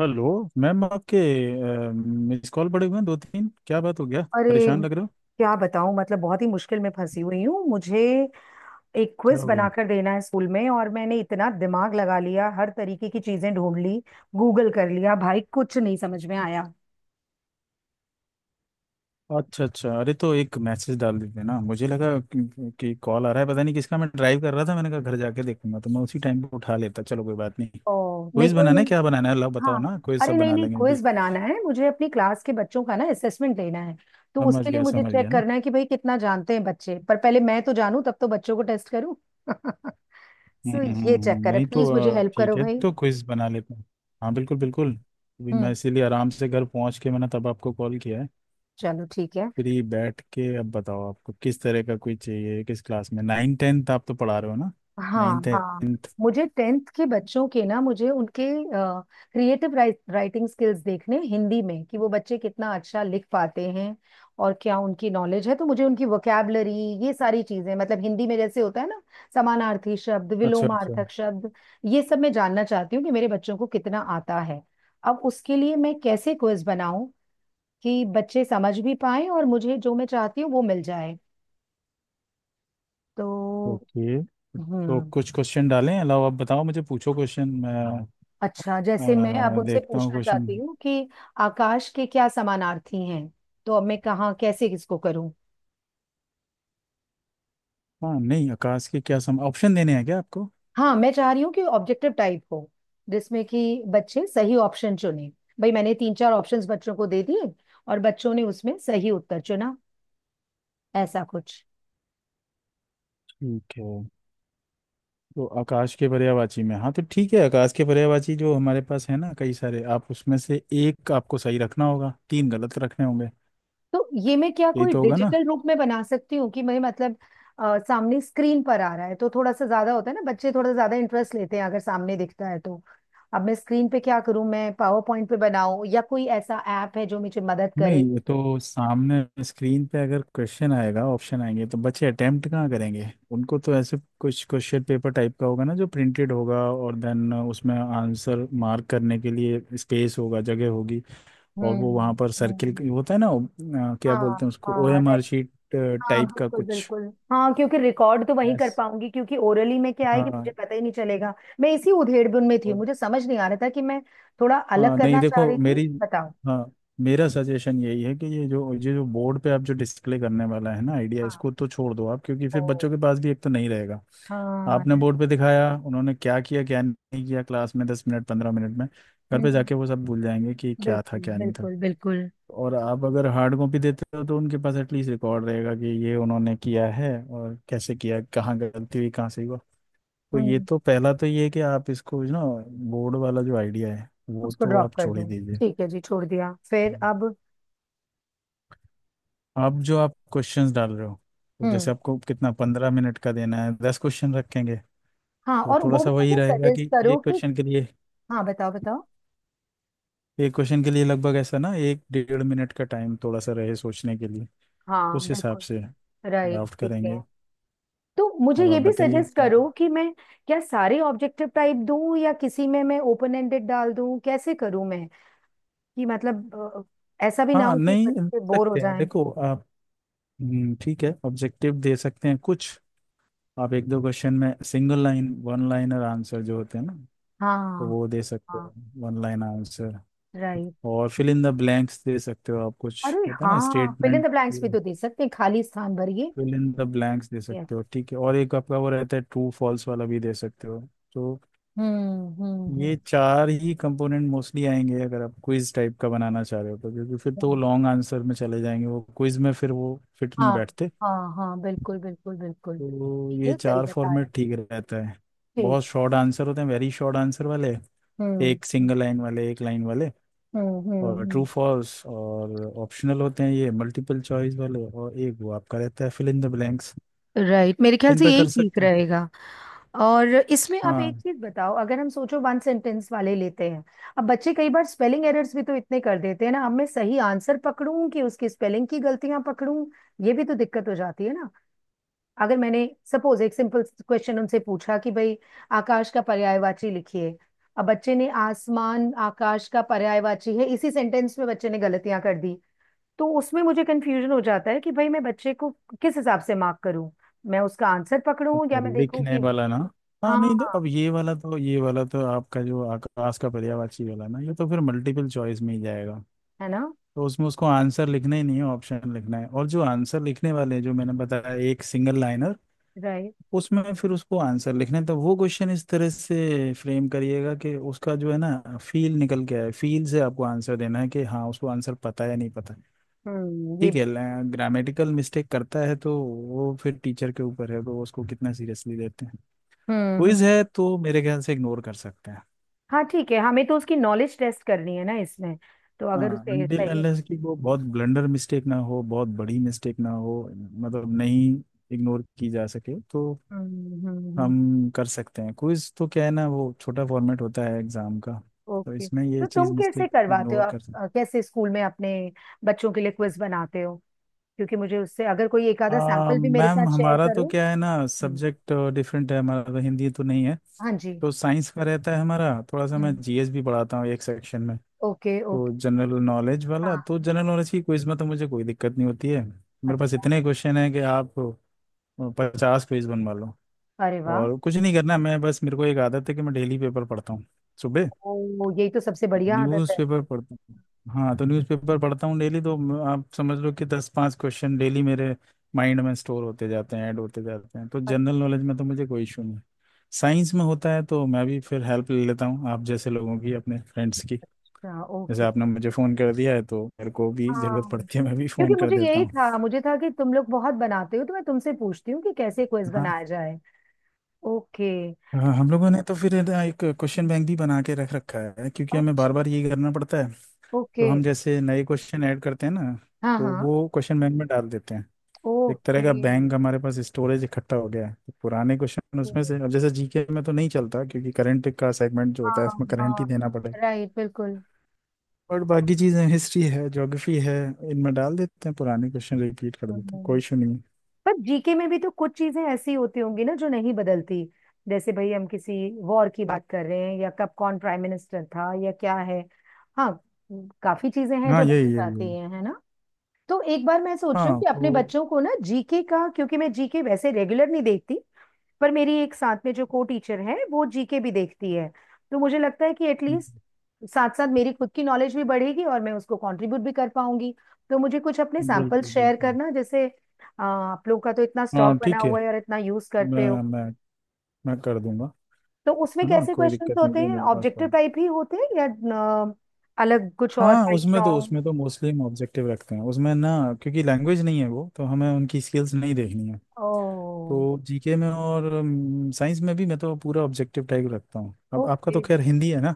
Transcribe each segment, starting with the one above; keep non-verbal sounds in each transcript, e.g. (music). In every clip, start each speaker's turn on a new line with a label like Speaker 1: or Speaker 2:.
Speaker 1: Hello. Ma'am आपके miss call पड़े हुए हैं दो तीन, क्या बात हो गया?
Speaker 2: अरे
Speaker 1: परेशान लग रहे हो,
Speaker 2: क्या बताऊं मतलब बहुत ही मुश्किल में फंसी हुई हूँ। मुझे एक
Speaker 1: क्या
Speaker 2: क्विज
Speaker 1: हो गया?
Speaker 2: बनाकर देना है स्कूल में, और मैंने इतना दिमाग लगा लिया, हर तरीके की चीजें ढूंढ ली, गूगल कर लिया भाई, कुछ नहीं समझ में आया।
Speaker 1: अच्छा अच्छा, अरे तो एक मैसेज डाल देते ना। मुझे लगा कि कॉल आ रहा है, पता नहीं किसका। मैं ड्राइव कर रहा था, मैंने कहा घर जाके देखूंगा, तो मैं उसी टाइम पे उठा लेता। चलो कोई बात नहीं।
Speaker 2: ओ नहीं,
Speaker 1: क्विज
Speaker 2: कोई
Speaker 1: बनाना है,
Speaker 2: नहीं।
Speaker 1: क्या बनाना है अल्लाह? बताओ
Speaker 2: हाँ।
Speaker 1: ना, क्विज
Speaker 2: अरे
Speaker 1: सब
Speaker 2: नहीं
Speaker 1: बना
Speaker 2: नहीं,
Speaker 1: लेंगे अभी।
Speaker 2: क्विज बनाना है मुझे, अपनी क्लास के बच्चों का ना असेसमेंट लेना है। तो उसके लिए मुझे
Speaker 1: समझ गया
Speaker 2: चेक
Speaker 1: ना।
Speaker 2: करना है कि भाई कितना जानते हैं बच्चे, पर पहले मैं तो जानूं तब तो बच्चों को टेस्ट करूं। (laughs)
Speaker 1: हम्म,
Speaker 2: सो ये चेक करें,
Speaker 1: नहीं तो।
Speaker 2: प्लीज मुझे हेल्प
Speaker 1: ठीक
Speaker 2: करो
Speaker 1: है
Speaker 2: भाई।
Speaker 1: तो क्विज बना लेते हैं। हाँ बिल्कुल बिल्कुल। अभी मैं
Speaker 2: हम्म
Speaker 1: इसीलिए आराम से घर पहुंच के मैंने तब आपको कॉल किया है।
Speaker 2: चलो ठीक है।
Speaker 1: फ्री बैठ के अब बताओ, आपको किस तरह का कोई चाहिए, किस क्लास में? नाइन टेंथ आप तो पढ़ा रहे हो ना?
Speaker 2: हाँ
Speaker 1: नाइन
Speaker 2: हाँ,
Speaker 1: टेंथ।
Speaker 2: मुझे टेंथ के बच्चों के ना, मुझे उनके क्रिएटिव राइटिंग स्किल्स देखने हिंदी में, कि वो बच्चे कितना अच्छा लिख पाते हैं और क्या उनकी नॉलेज है। तो मुझे उनकी वोकैबलरी, ये सारी चीजें मतलब हिंदी में जैसे होता है ना, समानार्थी शब्द,
Speaker 1: अच्छा अच्छा।
Speaker 2: विलोमार्थक शब्द, ये सब मैं जानना चाहती हूँ कि मेरे बच्चों को कितना आता है। अब उसके लिए मैं कैसे क्विज बनाऊं कि बच्चे समझ भी पाए और मुझे जो मैं चाहती हूँ वो मिल जाए। तो
Speaker 1: ओके, तो
Speaker 2: हम्म
Speaker 1: कुछ क्वेश्चन डालें अलावा, आप बताओ मुझे, पूछो क्वेश्चन मैं
Speaker 2: अच्छा, जैसे मैं अब उनसे
Speaker 1: देखता हूँ
Speaker 2: पूछना
Speaker 1: क्वेश्चन।
Speaker 2: चाहती हूँ कि आकाश के क्या समानार्थी हैं, तो अब मैं कहाँ कैसे किसको करूँ।
Speaker 1: हाँ नहीं, आकाश के क्या सम, ऑप्शन देने हैं क्या आपको?
Speaker 2: हाँ, मैं चाह रही हूँ कि ऑब्जेक्टिव टाइप हो, जिसमें कि बच्चे सही ऑप्शन चुने। भाई मैंने तीन चार ऑप्शंस बच्चों को दे दिए, और बच्चों ने उसमें सही उत्तर चुना, ऐसा कुछ।
Speaker 1: ठीक है, तो आकाश के पर्यायवाची में, हाँ तो ठीक है, आकाश के पर्यायवाची जो हमारे पास है ना कई सारे, आप उसमें से एक आपको सही रखना होगा, तीन गलत रखने होंगे।
Speaker 2: तो ये मैं क्या
Speaker 1: यही
Speaker 2: कोई
Speaker 1: तो होगा ना।
Speaker 2: डिजिटल रूप में बना सकती हूँ कि मैं मतलब सामने स्क्रीन पर आ रहा है तो थोड़ा सा ज्यादा होता है ना, बच्चे थोड़ा ज्यादा इंटरेस्ट लेते हैं अगर सामने दिखता है तो। अब मैं स्क्रीन पे क्या करूँ, मैं पावर पॉइंट पे बनाऊं या कोई ऐसा ऐप है जो मुझे मदद
Speaker 1: नहीं,
Speaker 2: करे।
Speaker 1: ये तो सामने स्क्रीन पे अगर क्वेश्चन आएगा ऑप्शन आएंगे, तो बच्चे अटेम्प्ट कहाँ करेंगे? उनको तो ऐसे कुछ क्वेश्चन पेपर टाइप का होगा ना, जो प्रिंटेड होगा, और देन उसमें आंसर मार्क करने के लिए स्पेस होगा, जगह होगी। और वो वहाँ
Speaker 2: हम्म
Speaker 1: पर
Speaker 2: हम्म
Speaker 1: सर्किल होता है ना, क्या
Speaker 2: हाँ
Speaker 1: बोलते हैं उसको,
Speaker 2: हाँ, right.
Speaker 1: ओएमआर शीट
Speaker 2: हाँ
Speaker 1: टाइप का
Speaker 2: बिल्कुल
Speaker 1: कुछ।
Speaker 2: बिल्कुल। हाँ क्योंकि रिकॉर्ड तो वहीं कर
Speaker 1: Yes।
Speaker 2: पाऊंगी, क्योंकि ओरली में क्या है कि
Speaker 1: हाँ।
Speaker 2: मुझे पता ही नहीं चलेगा। मैं इसी उधेड़बुन में थी, मुझे समझ नहीं आ रहा था कि मैं थोड़ा
Speaker 1: हाँ
Speaker 2: अलग
Speaker 1: नहीं
Speaker 2: करना चाह
Speaker 1: देखो,
Speaker 2: रही थी,
Speaker 1: मेरी,
Speaker 2: बताओ।
Speaker 1: हाँ, मेरा सजेशन यही है कि ये जो बोर्ड पे आप जो डिस्प्ले करने वाला है ना आइडिया,
Speaker 2: हाँ।
Speaker 1: इसको तो छोड़ दो आप, क्योंकि
Speaker 2: ओ।
Speaker 1: फिर बच्चों के पास भी एक तो नहीं रहेगा। आपने
Speaker 2: हाँ।
Speaker 1: बोर्ड पे दिखाया, उन्होंने क्या किया क्या नहीं किया क्लास में, 10 मिनट 15 मिनट में। घर पे
Speaker 2: हम्म
Speaker 1: जाके वो सब भूल जाएंगे कि क्या था
Speaker 2: बिल्कुल
Speaker 1: क्या नहीं था।
Speaker 2: बिल्कुल बिल्कुल।
Speaker 1: और आप अगर हार्ड कॉपी देते हो, तो उनके पास एटलीस्ट रिकॉर्ड रहेगा कि ये उन्होंने किया है, और कैसे किया, कहाँ गलती हुई कहाँ सही हुआ। तो ये
Speaker 2: हम्म
Speaker 1: तो पहला तो ये है कि आप इसको ना, बोर्ड वाला जो आइडिया है वो
Speaker 2: उसको
Speaker 1: तो
Speaker 2: ड्रॉप
Speaker 1: आप
Speaker 2: कर
Speaker 1: छोड़ ही
Speaker 2: दूं?
Speaker 1: दीजिए।
Speaker 2: ठीक है जी, छोड़ दिया। फिर अब?
Speaker 1: आप जो आप क्वेश्चंस डाल रहे हो, तो जैसे
Speaker 2: हम्म
Speaker 1: आपको कितना, 15 मिनट का देना है, दस क्वेश्चन रखेंगे।
Speaker 2: हाँ,
Speaker 1: तो
Speaker 2: और
Speaker 1: थोड़ा
Speaker 2: वो भी
Speaker 1: सा वही
Speaker 2: मुझे
Speaker 1: रहेगा
Speaker 2: सजेस्ट
Speaker 1: कि
Speaker 2: करो
Speaker 1: एक
Speaker 2: कि।
Speaker 1: क्वेश्चन के लिए,
Speaker 2: हाँ बताओ बताओ।
Speaker 1: एक क्वेश्चन के लिए लगभग ऐसा ना, एक डेढ़ मिनट का टाइम थोड़ा सा रहे सोचने के लिए,
Speaker 2: हाँ
Speaker 1: उस हिसाब
Speaker 2: बिल्कुल।
Speaker 1: से
Speaker 2: राइट,
Speaker 1: ड्राफ्ट
Speaker 2: ठीक है।
Speaker 1: करेंगे।
Speaker 2: तो मुझे
Speaker 1: अब
Speaker 2: ये
Speaker 1: आप
Speaker 2: भी
Speaker 1: बताइए
Speaker 2: सजेस्ट
Speaker 1: क्या।
Speaker 2: करो कि मैं क्या सारे ऑब्जेक्टिव टाइप दूं या किसी में मैं ओपन एंडेड डाल दूं, कैसे करूं मैं? कि मतलब ऐसा भी ना
Speaker 1: हाँ
Speaker 2: हो कि
Speaker 1: नहीं दे
Speaker 2: बच्चे बोर हो
Speaker 1: सकते हैं,
Speaker 2: जाएं।
Speaker 1: देखो आप, ठीक है ऑब्जेक्टिव दे सकते हैं कुछ। आप एक दो क्वेश्चन में single line, one liner answer जो होते हैं ना, तो
Speaker 2: हाँ।
Speaker 1: वो दे सकते
Speaker 2: हाँ।
Speaker 1: हैं, वन लाइन आंसर।
Speaker 2: राइट।
Speaker 1: और फिल इन द ब्लैंक्स दे सकते हो आप, कुछ
Speaker 2: अरे
Speaker 1: होता है ना
Speaker 2: हाँ, fill in
Speaker 1: statement,
Speaker 2: the blanks भी तो दे सकते हैं, खाली स्थान भरिए।
Speaker 1: फिल इन द ब्लैंक्स दे सकते हो,
Speaker 2: Yes।
Speaker 1: ठीक है। और एक आपका वो रहता है ट्रू फॉल्स वाला भी दे सकते हो। तो
Speaker 2: हम्म हम्म
Speaker 1: ये चार ही कंपोनेंट मोस्टली आएंगे अगर आप क्विज टाइप का बनाना चाह रहे हो तो, क्योंकि फिर तो
Speaker 2: हम्म।
Speaker 1: लॉन्ग आंसर में चले जाएंगे वो, क्विज में फिर वो फिट
Speaker 2: हाँ।
Speaker 1: नहीं बैठते।
Speaker 2: हाँ हाँ बिल्कुल बिल्कुल बिल्कुल।
Speaker 1: तो ये
Speaker 2: ये सही
Speaker 1: चार
Speaker 2: बताया।
Speaker 1: फॉर्मेट ठीक रहता है।
Speaker 2: ठीक।
Speaker 1: बहुत शॉर्ट आंसर होते हैं, वेरी शॉर्ट आंसर वाले,
Speaker 2: हम्म
Speaker 1: एक सिंगल लाइन वाले, एक लाइन वाले,
Speaker 2: हम्म हम्म
Speaker 1: और ट्रू
Speaker 2: हम्म।
Speaker 1: फॉल्स, और ऑप्शनल होते हैं ये मल्टीपल चॉइस वाले, और एक वो आपका रहता है fill in the blanks.
Speaker 2: Right, मेरे ख्याल
Speaker 1: इन
Speaker 2: से
Speaker 1: पे
Speaker 2: यही
Speaker 1: कर
Speaker 2: ठीक
Speaker 1: सकते हैं
Speaker 2: रहेगा। और इसमें अब एक
Speaker 1: हाँ।
Speaker 2: चीज बताओ, अगर हम सोचो वन सेंटेंस वाले लेते हैं, अब बच्चे कई बार स्पेलिंग एरर्स भी तो इतने कर देते हैं ना, अब मैं सही आंसर पकड़ूं कि उसकी स्पेलिंग की गलतियां पकड़ूं, ये भी तो दिक्कत हो जाती है ना। अगर मैंने सपोज एक सिंपल क्वेश्चन उनसे पूछा कि भाई आकाश का पर्यायवाची लिखिए, अब बच्चे ने आसमान आकाश का पर्यायवाची है, इसी सेंटेंस में बच्चे ने गलतियां कर दी, तो उसमें मुझे कंफ्यूजन हो जाता है कि भाई मैं बच्चे को किस हिसाब से मार्क करूं, मैं उसका आंसर पकड़ूं
Speaker 1: अच्छा
Speaker 2: या मैं देखूं
Speaker 1: लिखने
Speaker 2: कि।
Speaker 1: वाला ना, हाँ नहीं तो
Speaker 2: हाँ।
Speaker 1: अब ये वाला तो, ये वाला तो आपका जो आकाश का पर्यायवाची वाला ना, ये तो फिर मल्टीपल चॉइस में ही जाएगा।
Speaker 2: है ना?
Speaker 1: तो उसमें उसको आंसर लिखना ही नहीं है, ऑप्शन लिखना है। और जो आंसर लिखने वाले हैं, जो मैंने बताया, एक सिंगल लाइनर,
Speaker 2: राइट।
Speaker 1: उसमें फिर उसको आंसर लिखने, तो वो क्वेश्चन इस तरह से फ्रेम करिएगा कि उसका जो है ना फील निकल के आए, फील से आपको आंसर देना है कि हाँ उसको आंसर पता है या नहीं पता।
Speaker 2: ये
Speaker 1: ठीक है। ग्रामेटिकल मिस्टेक करता है, तो वो फिर टीचर के ऊपर है, वो उसको कितना सीरियसली लेते हैं।
Speaker 2: हम्म हम्म।
Speaker 1: क्विज है तो मेरे ख्याल से इग्नोर कर सकते हैं।
Speaker 2: हाँ ठीक है, हमें तो उसकी नॉलेज टेस्ट करनी है ना इसमें, तो अगर
Speaker 1: हाँ,
Speaker 2: उसे
Speaker 1: अनटिल
Speaker 2: सही।
Speaker 1: अनलेस कि वो बहुत ब्लंडर मिस्टेक ना हो, बहुत बड़ी मिस्टेक ना हो, मतलब नहीं इग्नोर की जा सके तो।
Speaker 2: हम्म।
Speaker 1: हम कर सकते हैं। क्विज तो क्या है ना, वो छोटा फॉर्मेट होता है एग्जाम का, तो
Speaker 2: ओके,
Speaker 1: इसमें ये
Speaker 2: तो तुम
Speaker 1: चीज़,
Speaker 2: कैसे
Speaker 1: मिस्टेक
Speaker 2: करवाते हो
Speaker 1: इग्नोर
Speaker 2: आप,
Speaker 1: कर सकते
Speaker 2: कैसे स्कूल में अपने बच्चों के लिए क्विज बनाते हो? क्योंकि मुझे उससे अगर कोई एक
Speaker 1: हैं।
Speaker 2: आधा सैंपल भी मेरे साथ
Speaker 1: मैम
Speaker 2: शेयर
Speaker 1: हमारा तो
Speaker 2: करो।
Speaker 1: क्या है ना,
Speaker 2: हम्म
Speaker 1: सब्जेक्ट डिफरेंट है हमारा तो, हिंदी तो नहीं है,
Speaker 2: हाँ जी।
Speaker 1: तो साइंस का रहता है हमारा, थोड़ा सा मैं
Speaker 2: हम्म
Speaker 1: जीएस भी पढ़ाता हूँ एक सेक्शन में।
Speaker 2: ओके
Speaker 1: तो
Speaker 2: ओके।
Speaker 1: जनरल नॉलेज वाला,
Speaker 2: हाँ।
Speaker 1: तो जनरल नॉलेज की क्विज में तो मुझे कोई दिक्कत नहीं होती है, मेरे पास
Speaker 2: अच्छा।
Speaker 1: इतने क्वेश्चन हैं कि आप 50 क्विज बनवा लो,
Speaker 2: अरे वाह।
Speaker 1: और कुछ नहीं करना। मैं बस, मेरे को एक आदत है कि मैं डेली पेपर पढ़ता हूँ सुबह,
Speaker 2: ओ, यही तो सबसे बढ़िया आदत है।
Speaker 1: न्यूज़पेपर पढ़ता हूँ। हाँ, तो न्यूज़पेपर पढ़ता हूँ डेली, तो आप समझ लो कि दस पांच क्वेश्चन डेली मेरे माइंड में स्टोर होते जाते हैं, ऐड होते जाते हैं। तो जनरल नॉलेज में तो मुझे कोई इशू नहीं। साइंस में होता है, तो मैं भी फिर हेल्प ले लेता हूँ आप जैसे लोगों की, अपने फ्रेंड्स की।
Speaker 2: अच्छा,
Speaker 1: जैसे
Speaker 2: ओके।
Speaker 1: आपने मुझे फ़ोन कर दिया है, तो मेरे को भी ज़रूरत
Speaker 2: हाँ,
Speaker 1: पड़ती है मैं भी
Speaker 2: क्योंकि
Speaker 1: फ़ोन कर
Speaker 2: मुझे
Speaker 1: देता
Speaker 2: यही
Speaker 1: हूँ।
Speaker 2: था, मुझे था कि तुम लोग बहुत बनाते हो, तो मैं तुमसे पूछती हूँ कि कैसे क्विज
Speaker 1: हाँ,
Speaker 2: बनाया जाए। ओके।
Speaker 1: हाँ, हम लोगों ने तो फिर है ना एक क्वेश्चन बैंक भी बना के रख रखा है, क्योंकि हमें
Speaker 2: अच्छा,
Speaker 1: बार बार ये करना पड़ता है। तो
Speaker 2: ओके।
Speaker 1: हम जैसे नए क्वेश्चन ऐड करते हैं ना,
Speaker 2: हाँ
Speaker 1: तो
Speaker 2: हाँ।
Speaker 1: वो क्वेश्चन बैंक में डाल देते हैं। एक तरह
Speaker 2: ओके।
Speaker 1: का बैंक हमारे पास स्टोरेज इकट्ठा हो गया है, तो पुराने क्वेश्चन उसमें से, अब जैसे जीके में तो नहीं चलता क्योंकि करंट का सेगमेंट जो
Speaker 2: हाँ
Speaker 1: होता है, उसमें करंट
Speaker 2: हाँ,
Speaker 1: ही देना पड़ेगा।
Speaker 2: राइट, बिल्कुल।
Speaker 1: और बाकी चीजें हिस्ट्री है ज्योग्राफी है, इनमें डाल देते हैं पुराने क्वेश्चन, रिपीट कर देते हैं, कोई
Speaker 2: हम्म,
Speaker 1: इशू नहीं है।
Speaker 2: पर जीके में भी तो कुछ चीजें ऐसी होती होंगी ना जो नहीं बदलती, जैसे भाई हम किसी वॉर की बात कर रहे हैं, या कब कौन प्राइम मिनिस्टर था, या क्या है। हाँ। काफी चीजें हैं
Speaker 1: हाँ
Speaker 2: जो
Speaker 1: यही
Speaker 2: बदल
Speaker 1: यही यही।
Speaker 2: जाती हैं, है ना? तो एक बार मैं सोच रही हूँ
Speaker 1: हाँ
Speaker 2: कि
Speaker 1: तो।
Speaker 2: अपने बच्चों को ना जीके का, क्योंकि मैं जीके वैसे रेगुलर नहीं देखती, पर मेरी एक साथ में जो को टीचर है वो जीके भी देखती है, तो मुझे लगता है कि एटलीस्ट साथ साथ मेरी खुद की नॉलेज भी बढ़ेगी और मैं उसको कंट्रीब्यूट भी कर पाऊंगी। तो मुझे कुछ अपने सैंपल्स
Speaker 1: बिल्कुल
Speaker 2: शेयर
Speaker 1: बिल्कुल।
Speaker 2: करना, जैसे आप लोग का तो इतना स्टॉक
Speaker 1: हाँ
Speaker 2: बना
Speaker 1: ठीक है।
Speaker 2: हुआ है और इतना यूज
Speaker 1: मैं
Speaker 2: करते हो।
Speaker 1: मैं मैं कर दूंगा।
Speaker 2: तो उसमें
Speaker 1: है ना,
Speaker 2: कैसे
Speaker 1: कोई
Speaker 2: क्वेश्चंस
Speaker 1: दिक्कत नहीं,
Speaker 2: होते
Speaker 1: जो
Speaker 2: हैं,
Speaker 1: मेरे पास
Speaker 2: ऑब्जेक्टिव
Speaker 1: पड़े।
Speaker 2: टाइप ही होते हैं या अ, अलग कुछ, और
Speaker 1: हाँ
Speaker 2: राइट
Speaker 1: उसमें तो,
Speaker 2: रॉन्ग?
Speaker 1: उसमें तो मोस्टली हम ऑब्जेक्टिव रखते हैं उसमें ना, क्योंकि लैंग्वेज नहीं है वो, तो हमें उनकी स्किल्स नहीं देखनी है।
Speaker 2: ओ।
Speaker 1: तो जीके में और साइंस में भी मैं तो पूरा ऑब्जेक्टिव टाइप रखता हूँ। अब आपका
Speaker 2: ओके।
Speaker 1: तो खैर हिंदी है ना,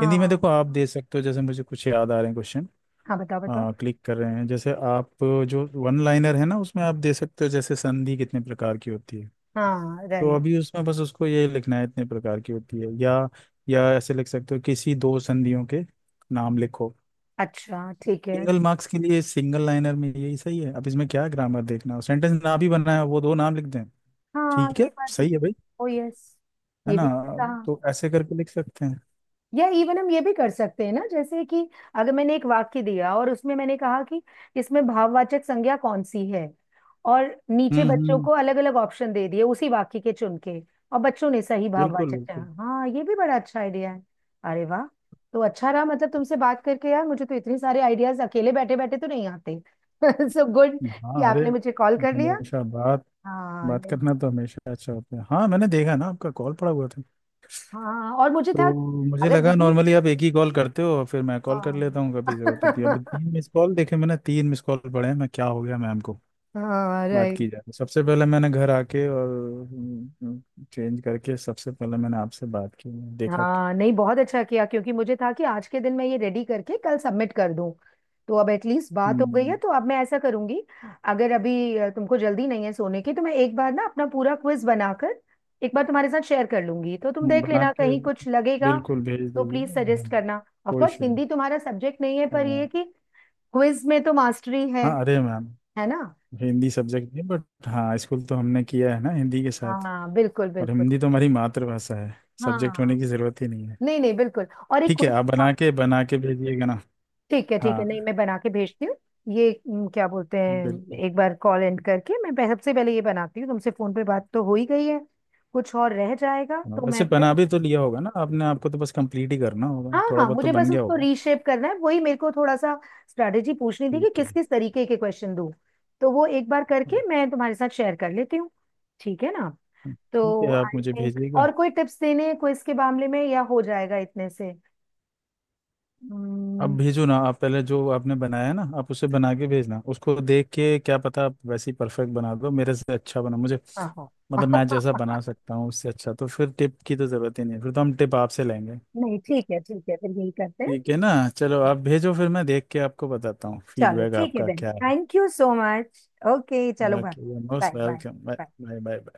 Speaker 1: हिंदी में देखो आप दे सकते हो, जैसे मुझे कुछ याद आ रहे हैं क्वेश्चन
Speaker 2: हाँ बताओ बताओ।
Speaker 1: क्लिक कर रहे हैं। जैसे आप जो वन लाइनर है ना, उसमें आप दे सकते हो, जैसे संधि कितने प्रकार की होती है।
Speaker 2: हाँ,
Speaker 1: तो
Speaker 2: राइट।
Speaker 1: अभी उसमें बस उसको ये लिखना है, इतने प्रकार की होती है, या ऐसे लिख सकते हो, किसी दो संधियों के नाम लिखो।
Speaker 2: अच्छा, ठीक है।
Speaker 1: सिंगल मार्क्स के लिए सिंगल लाइनर में यही सही है। अब इसमें क्या ग्रामर देखना, हो सेंटेंस ना भी बनाया हो, वो दो नाम लिख दें।
Speaker 2: हाँ,
Speaker 1: ठीक
Speaker 2: ये
Speaker 1: है,
Speaker 2: बात भी।
Speaker 1: सही है भाई,
Speaker 2: ओ यस,
Speaker 1: है
Speaker 2: ये
Speaker 1: ना?
Speaker 2: भी कहा।
Speaker 1: तो ऐसे करके लिख सकते हैं।
Speaker 2: या इवन हम ये भी कर सकते हैं ना, जैसे कि अगर मैंने एक वाक्य दिया और उसमें मैंने कहा कि इसमें भाववाचक संज्ञा कौन सी है, और नीचे बच्चों
Speaker 1: हम्म।
Speaker 2: को अलग अलग ऑप्शन दे दिए उसी वाक्य के चुन के, और बच्चों ने सही
Speaker 1: बिल्कुल
Speaker 2: भाववाचक
Speaker 1: बिल्कुल।
Speaker 2: चुना। हाँ, ये भी बड़ा अच्छा आइडिया है। अरे वाह, तो अच्छा रहा, मतलब तुमसे बात करके यार, मुझे तो इतने सारे आइडियाज अकेले बैठे बैठे तो नहीं आते। (laughs) सो गुड कि
Speaker 1: हाँ अरे,
Speaker 2: आपने मुझे कॉल कर लिया।
Speaker 1: हमेशा बात
Speaker 2: हाँ
Speaker 1: बात
Speaker 2: नहीं।
Speaker 1: करना तो हमेशा अच्छा होता है। हाँ मैंने देखा ना, आपका कॉल पड़ा हुआ था,
Speaker 2: हाँ, और मुझे था,
Speaker 1: तो मुझे
Speaker 2: अगर
Speaker 1: लगा
Speaker 2: बिजी।
Speaker 1: नॉर्मली आप एक ही कॉल करते हो, फिर मैं कॉल कर
Speaker 2: हाँ।
Speaker 1: लेता हूँ कभी जरूरत होती है। अभी
Speaker 2: (laughs)
Speaker 1: तीन मिस कॉल देखे मैंने, तीन मिस कॉल पड़े हैं, मैं, क्या हो गया मैम को,
Speaker 2: हाँ,
Speaker 1: बात
Speaker 2: राइट।
Speaker 1: की जाए। सबसे पहले मैंने घर आके और, चेंज करके सबसे पहले मैंने आपसे बात की। देखा कि-
Speaker 2: हाँ नहीं, बहुत अच्छा किया, क्योंकि मुझे था कि आज के दिन मैं ये रेडी करके कल सबमिट कर दूं, तो अब एटलीस्ट बात हो गई है,
Speaker 1: हम्म,
Speaker 2: तो अब मैं ऐसा करूंगी, अगर अभी तुमको जल्दी नहीं है सोने की, तो मैं एक बार ना अपना पूरा क्विज बनाकर एक बार तुम्हारे साथ शेयर कर लूंगी, तो तुम देख
Speaker 1: बना
Speaker 2: लेना
Speaker 1: के
Speaker 2: कहीं कुछ लगेगा।
Speaker 1: बिल्कुल भेज
Speaker 2: तो प्लीज
Speaker 1: दीजिए,
Speaker 2: सजेस्ट
Speaker 1: ध्यान।
Speaker 2: करना, ऑफ
Speaker 1: कोई
Speaker 2: कोर्स
Speaker 1: इशू नहीं।
Speaker 2: हिंदी तुम्हारा सब्जेक्ट नहीं है, पर ये है
Speaker 1: हाँ।
Speaker 2: कि क्विज में तो मास्टरी है
Speaker 1: हाँ अरे मैम,
Speaker 2: है ना?
Speaker 1: हिंदी सब्जेक्ट नहीं, बट हाँ स्कूल तो हमने किया है ना हिंदी के साथ,
Speaker 2: हाँ बिल्कुल
Speaker 1: और
Speaker 2: बिल्कुल।
Speaker 1: हिंदी तो हमारी मातृभाषा है, सब्जेक्ट होने
Speaker 2: हाँ
Speaker 1: की जरूरत ही नहीं है।
Speaker 2: नहीं नहीं, बिल्कुल, और एक
Speaker 1: ठीक है
Speaker 2: क्विज।
Speaker 1: आप बना के भेजिएगा ना।
Speaker 2: ठीक है ठीक है, नहीं
Speaker 1: हाँ
Speaker 2: मैं बना के भेजती हूँ। ये क्या बोलते हैं,
Speaker 1: बिल्कुल।
Speaker 2: एक बार कॉल एंड करके मैं सबसे पहले ये बनाती हूँ, तुमसे फोन पे बात तो हो ही गई है, कुछ और रह जाएगा
Speaker 1: हाँ,
Speaker 2: तो मैं
Speaker 1: वैसे
Speaker 2: फिर।
Speaker 1: बना भी तो लिया होगा ना आपने, आपको तो बस कंप्लीट ही करना होगा,
Speaker 2: हाँ
Speaker 1: थोड़ा
Speaker 2: हाँ,
Speaker 1: बहुत तो
Speaker 2: मुझे बस
Speaker 1: बन गया
Speaker 2: उसको
Speaker 1: होगा।
Speaker 2: रीशेप करना है, वही मेरे को थोड़ा सा स्ट्रैटेजी पूछनी थी कि
Speaker 1: ठीक है।
Speaker 2: किस किस तरीके के क्वेश्चन दूँ, तो वो एक बार
Speaker 1: हाँ।
Speaker 2: करके मैं तुम्हारे साथ शेयर कर लेती हूँ, ठीक है ना?
Speaker 1: हाँ ठीक है,
Speaker 2: तो
Speaker 1: आप
Speaker 2: आई
Speaker 1: मुझे
Speaker 2: थिंक
Speaker 1: भेजिएगा।
Speaker 2: और कोई टिप्स देने क्विज के मामले में, या हो जाएगा इतने से?
Speaker 1: आप
Speaker 2: हम्म,
Speaker 1: भेजो ना, आप पहले जो आपने बनाया है ना, आप उसे बना के भेजना, उसको देख के, क्या पता आप वैसे ही परफेक्ट बना दो, मेरे से अच्छा बना, मुझे
Speaker 2: हाँ हाँ।
Speaker 1: मतलब मैं जैसा बना
Speaker 2: (laughs)
Speaker 1: सकता हूँ उससे अच्छा, तो फिर टिप की तो ज़रूरत ही नहीं है, फिर तो हम टिप आपसे लेंगे।
Speaker 2: नहीं ठीक है ठीक है, फिर यही करते हैं।
Speaker 1: ठीक है ना, चलो आप भेजो, फिर मैं देख के आपको बताता हूँ
Speaker 2: चलो
Speaker 1: फीडबैक
Speaker 2: ठीक है,
Speaker 1: आपका
Speaker 2: देन
Speaker 1: क्या है।
Speaker 2: Thank you so much, okay चलो bye
Speaker 1: okay,
Speaker 2: bye
Speaker 1: most welcome, bye
Speaker 2: bye.
Speaker 1: Bye bye.